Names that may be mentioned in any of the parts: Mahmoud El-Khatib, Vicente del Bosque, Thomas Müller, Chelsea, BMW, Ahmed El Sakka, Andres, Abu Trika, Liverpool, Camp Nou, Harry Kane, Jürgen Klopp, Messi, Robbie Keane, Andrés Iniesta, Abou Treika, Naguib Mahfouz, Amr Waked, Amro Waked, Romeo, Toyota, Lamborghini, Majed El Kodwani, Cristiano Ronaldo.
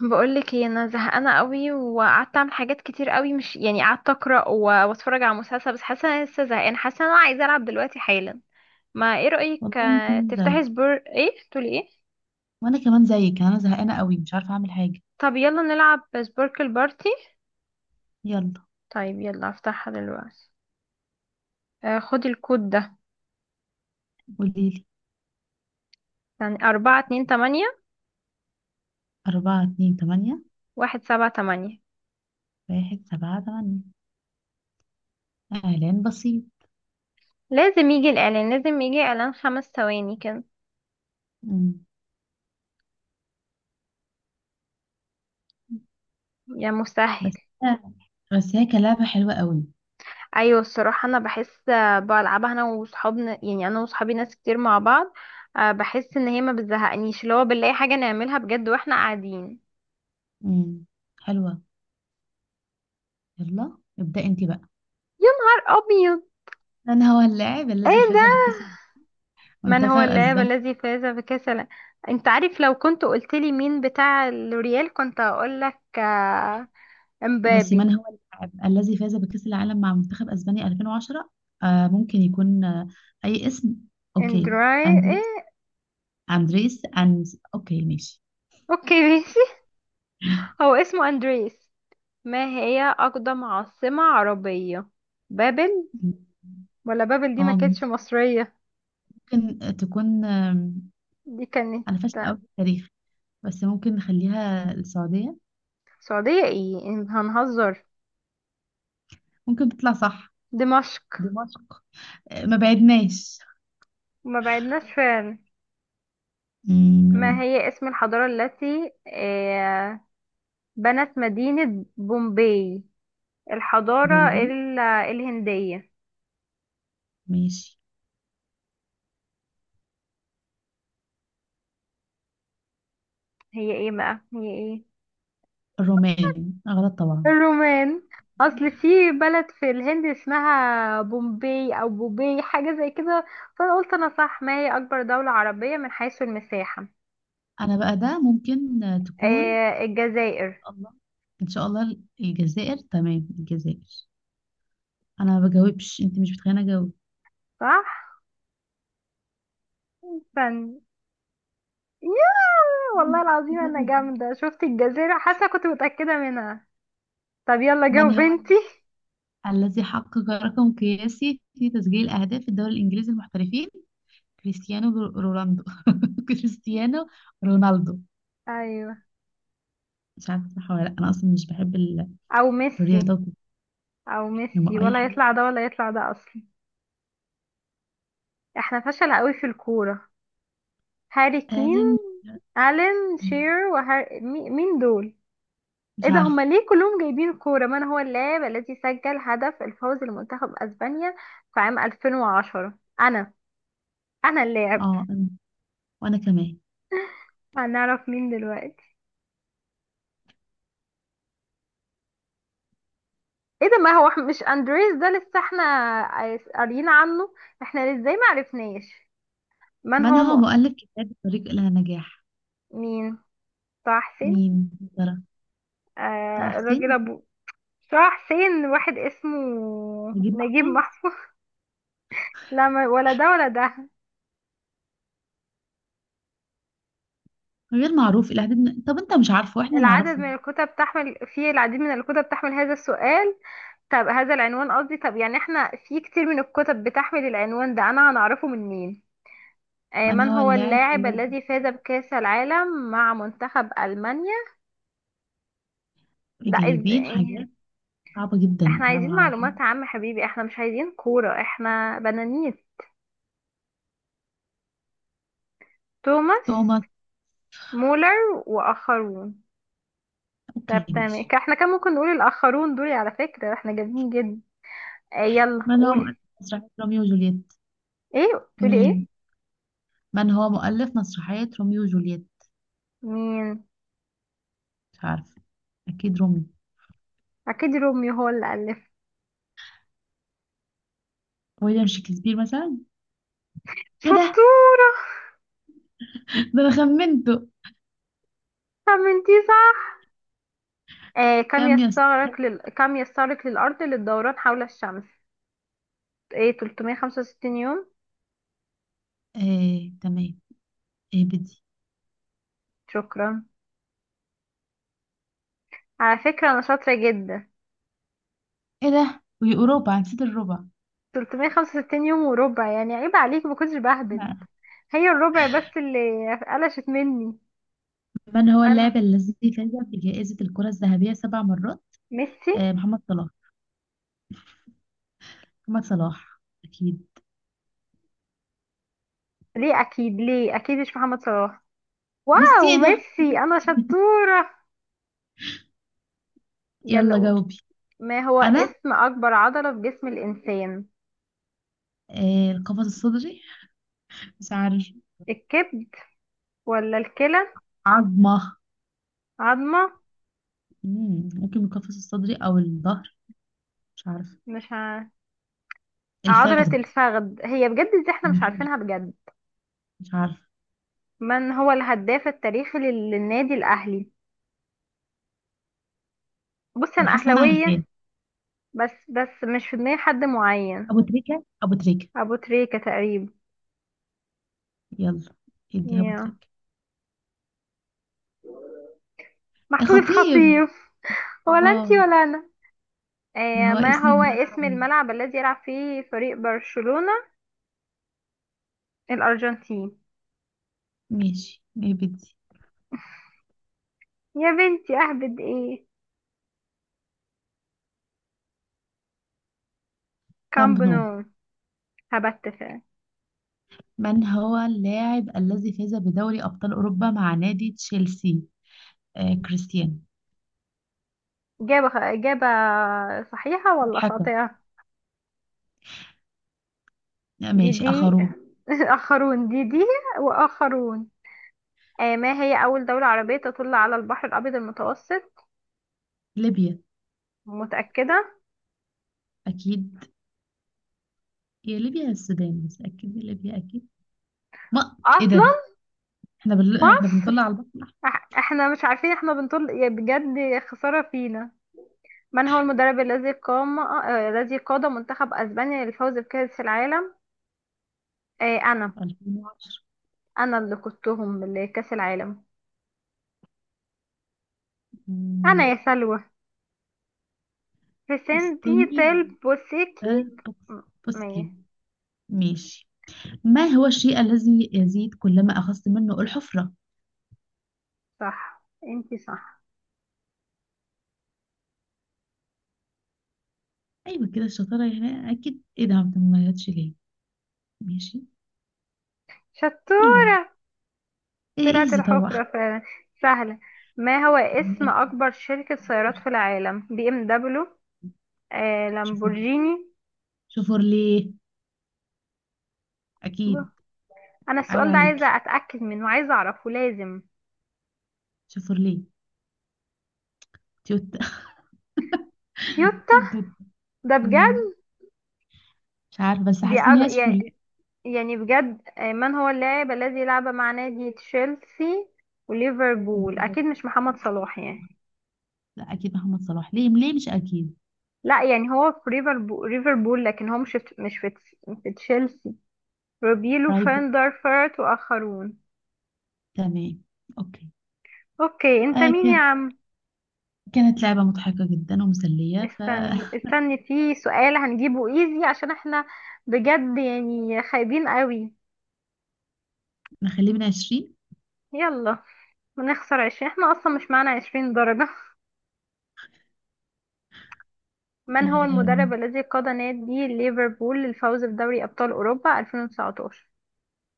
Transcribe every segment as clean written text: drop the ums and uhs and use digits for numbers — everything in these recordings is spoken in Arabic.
بقولك ايه؟ انا زهقانه قوي، وقعدت اعمل حاجات كتير قوي، مش يعني قعدت اقرا واتفرج على مسلسل، بس حاسه إن انا لسه زهقانه. حاسه إن انا عايزه العب دلوقتي حالا. ما ايه رايك؟ والله انا كمان تفتحي زيك. سبور، ايه تقولي ايه؟ يعني انا زهقانه قوي، مش عارفه اعمل حاجه. طب يلا نلعب سبوركل بارتي. يلا طيب يلا افتحها دلوقتي. خدي الكود ده. قولي لي. يعني 4 2 8، 4 2 8. 1 7 8. 1 7 8. اعلان بسيط. لازم يجي الإعلان، لازم يجي إعلان 5 ثواني كده. مم. يا مسهل. بس بس هي كلعبه حلوه قوي. ايوه الصراحه انا بحس، بلعبها انا وصحابنا، يعني انا وصحابي ناس كتير مع بعض. بحس ان هي ما بتزهقنيش، اللي هو بنلاقي حاجه نعملها بجد واحنا قاعدين. مم. حلوه. يلا ابدأ انت بقى. يا نهار ابيض. من هو اللاعب الذي ايه فاز ده؟ بكأس من منتخب هو اللاعب اسبانيا؟ الذي فاز بكاس الع- انت عارف لو كنت قلت لي مين بتاع الريال كنت هقول لك، بصي، من امبابي. هو اللاعب الذي فاز بكأس العالم مع منتخب اسبانيا 2010؟ ممكن يكون. اي اسم. اوكي. اندراي ايه؟ اندريس. اوكي ماشي. اوكي ماشي. هو اسمه اندريس. ما هي اقدم عاصمه عربيه؟ بابل. مم. ولا بابل دي ما اه، كانتش مصريه؟ ممكن تكون. دي كانت. انا فاشله قوي في التاريخ، بس ممكن نخليها السعوديه. سعودية ايه؟ هنهزر. ممكن تطلع صح. دمشق. دمشق. ما بعدناش. وما بعدناش فعلا. ما مم، هي اسم الحضارة التي بنت مدينة بومباي؟ الحضارة بومبي. الهندية. ماشي. هي ايه بقى؟ هي ايه؟ الرومان غلط طبعا. الرومان. اصل في بلد في الهند اسمها بومباي او بوباي، حاجة زي كده. فانا قلت انا صح. ما هي اكبر دولة عربية من حيث المساحة؟ انا بقى ده ممكن تكون. الجزائر. الله. ان شاء الله الجزائر، تمام، الجزائر. انا ما بجاوبش، انت مش بتخليني اجاوب. صح. فن. ياه والله العظيم انا جامدة، شفت الجزيرة حاسة كنت متأكدة منها. طب يلا من جاوب هو بنتي. الذي حقق رقم قياسي في تسجيل اهداف الدوري الانجليزي المحترفين؟ كريستيانو رونالدو كريستيانو رونالدو. ايوه. مش عارفه صح ولا لا، انا اصلا مش بحب او ميسي. الرياضات دي. او ميسي لما اي ولا حاجه. يطلع ده ولا يطلع ده اصلا؟ احنا فشل قوي في الكورة. هاري كين. قال، الين شير وهار... مي- مين دول؟ ايه مش ده؟ عارفه. هما ليه كلهم جايبين كورة؟ من هو اللاعب الذي سجل هدف الفوز لمنتخب اسبانيا في عام 2010؟ انا. انا اللاعب. اه، أنا. وانا كمان. هنعرف مين دلوقتي. ايه ده؟ ما هو مش اندريس ده لسه احنا قاريين عنه؟ احنا ازاي ما عرفناش؟ من من هو هو م... مؤلف كتاب الطريق الى النجاح؟ مين؟ طه حسين. مين يا ترى؟ طه آه حسين. الراجل ابو، طه حسين واحد اسمه، نجيب نجيب محفوظ. محفوظ. لا ولا ده ولا ده. غير معروف الى حد ما. طب انت مش عارفه واحنا العدد نعرفه. من الكتب تحمل، في العديد من الكتب تحمل هذا السؤال. طب هذا العنوان قصدي. طب يعني احنا في كتير من الكتب بتحمل العنوان ده، انا هنعرفه من مين؟ من من هو هو اللاعب اللاعب الذي الذي فاز بكأس العالم مع منتخب ألمانيا؟ ده جايبين ازاي؟ حاجات صعبه جدا، احنا انا عايزين ما بحب. معلومات عامة حبيبي، احنا مش عايزين كورة، احنا بنانيس. توماس توماس. مولر وآخرون. اوكي طب تمام. ماشي. احنا كان ممكن نقول الآخرون دول. على فكرة احنا جامدين جدا. اه يلا من هو قولي. مؤلف مسرحيه روميو وجولييت؟ ايه تقولي ايه؟ مين؟ من هو مؤلف مسرحية روميو وجولييت؟ مين؟ مش عارفة. أكيد روميو. اكيد روميو هو اللي ألف. ويليام شكسبير مثلا. إيه ده؟ شطورة. ده أنا خمنته. طب انتي صح. اه كام يا اسطى؟ كم يستغرق للأرض للدوران حول الشمس؟ ايه؟ 365 يوم. إيه تمام. إيه بدي. شكرا. على فكرة انا شاطرة جدا. إيه ده، وأوروبا نسيت الربع. 365 يوم وربع. يعني عيب عليك، ما كنتش بهبل، لا. هي الربع بس اللي قلشت مني. من هو اللاعب انا. الذي فاز بجائزة الكرة الذهبية سبع مرات؟ ميسي. محمد صلاح. محمد صلاح أكيد. ليه اكيد؟ ليه اكيد مش محمد صلاح؟ ميسي؟ واو إيه ده. ميسي، انا شطورة. يلا يلا قول. جاوبي. ما هو أنا. اسم اكبر عضلة في جسم الانسان؟ القفص الصدري. مش عارف. الكبد، ولا الكلى. عظمة. عظمة. ممكن القفص الصدري أو الظهر. مش عارف. مش ع... عضلة الفخذ. الفخذ هي بجد. دي احنا مش مش عارفينها بجد. عارف. من هو الهداف التاريخي للنادي الاهلي؟ بص انا انا حاسه انا عارفاه. اهلاوية، بس بس مش في دماغي حد معين. ابو تريكه، ابو تريكه. أبو تريكة تقريبا. يلا ادي ابو يا تريكه. يا محمود خطيب. الخطيب. ولا الله. أنتي ولا أنا. ما آه هو ما اسم هو الملعب؟ اسم الملعب الذي يلعب فيه فريق برشلونة؟ الأرجنتين. ماشي نبتدي. يا بنتي أهبد إيه؟ كامب كامب نو. نو. هبت فعلا. من هو اللاعب الذي فاز بدوري ابطال اوروبا مع نادي تشيلسي؟ كريستيانو. إجابة صحيحة ولا مضحكه. خاطئة؟ لا، دي ماشي، دي. اخرون. آخرون دي دي. وآخرون. آه ما هي أول دولة عربية تطل على البحر الأبيض المتوسط؟ ليبيا. متأكدة؟ اكيد. يا ليبيا يا السودان، بس اكيد يا ليبيا، اكيد. ما ايه أصلا. ده. احنا بنطلع مصر. على البحر الاحمر. احنا مش عارفين، احنا بنطل، يا بجد خسارة فينا. من هو المدرب الذي قام، الذي قاد منتخب اسبانيا للفوز بكأس العالم؟ آه انا. 2010. انا اللي قودتهم لكأس العالم. انا مم. يا سلوى. فيسنتي استني. تيل بوسيكي. آه، بوكس- م- مية. بوسكي. ماشي. ما هو الشيء الذي يزيد كلما أخذت منه؟ الحفرة. صح. انتي صح. أيوة كده الشطارة يعني، أكيد، إيه ده ما جاتش ليه. ماشي. شطور. أيوة. إيه طلعت إيزي طبعا. الحفرة فعلا. سهلة. ما هو اسم اكبر شركة سيارات في العالم؟ BMW. شوفوا. لامبورجيني. شوفوا ليه. ب- أكيد. انا عيب السؤال ده عليكي. عايزة اتأكد منه، عايزة اعرفه لازم. شوفوا ليه. توت تويوتا. توت. ده مم. بجد. مش عارفة بس حاسة إن هي شوفوا يعني ليه. يعني بجد. من هو اللاعب الذي لعب مع نادي تشيلسي وليفربول؟ اكيد مش محمد صلاح يعني. لا أكيد محمد صلاح، ليه ليه مش أكيد. لا يعني هو في ليفربول ليفربول، لكن هو مش في مش في في تشيلسي. روبيلو رايبو. فان دارفورت واخرون. تمام. أوكي. اوكي. انت مين يا كان عم؟ كانت لعبة مضحكة جدا ومسلية استني فنخليه. استني في سؤال هنجيبه ايزي، عشان احنا بجد يعني خايبين قوي. من 20. يلا. بنخسر 20، احنا اصلا مش معانا 20 درجة. من هو المدرب آم، الذي قاد نادي ليفربول للفوز بدوري أبطال أوروبا 2019؟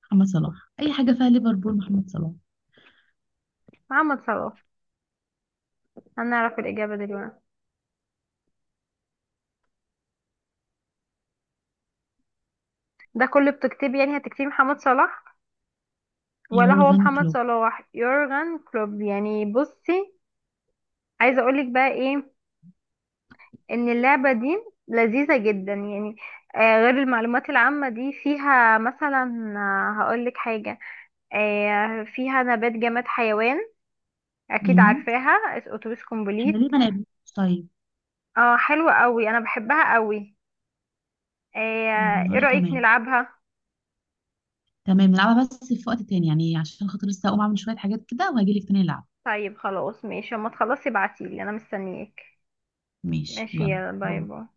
محمد صلاح. اي حاجه فيها ليفربول محمد صلاح. محمد صلاح. هنعرف الإجابة دلوقتي. ده كله بتكتبي يعني؟ هتكتبي محمد صلاح، ولا هو يورغن محمد كلوب. صلاح يورغن كلوب؟ يعني بصي، عايزة أقولك بقى إيه. إن اللعبة دي لذيذة جدا يعني، غير المعلومات العامة دي فيها مثلا. هقولك حاجة. فيها نبات جماد حيوان، أكيد مم. عارفاها. أتوبيس احنا ليه كومبليت. ما لعبناش؟ طيب. اه حلوة قوي انا بحبها قوي. ايه؟ إيه وانا رأيك كمان. نلعبها؟ تمام نلعبها، بس في وقت تاني يعني عشان خاطر لسه اقوم اعمل شويه حاجات كده وهجيلك تاني نلعب. طيب خلاص ماشي، اما تخلصي ابعتيلي انا مستنياك. ماشي ماشي يلا يلا باي باي. باي.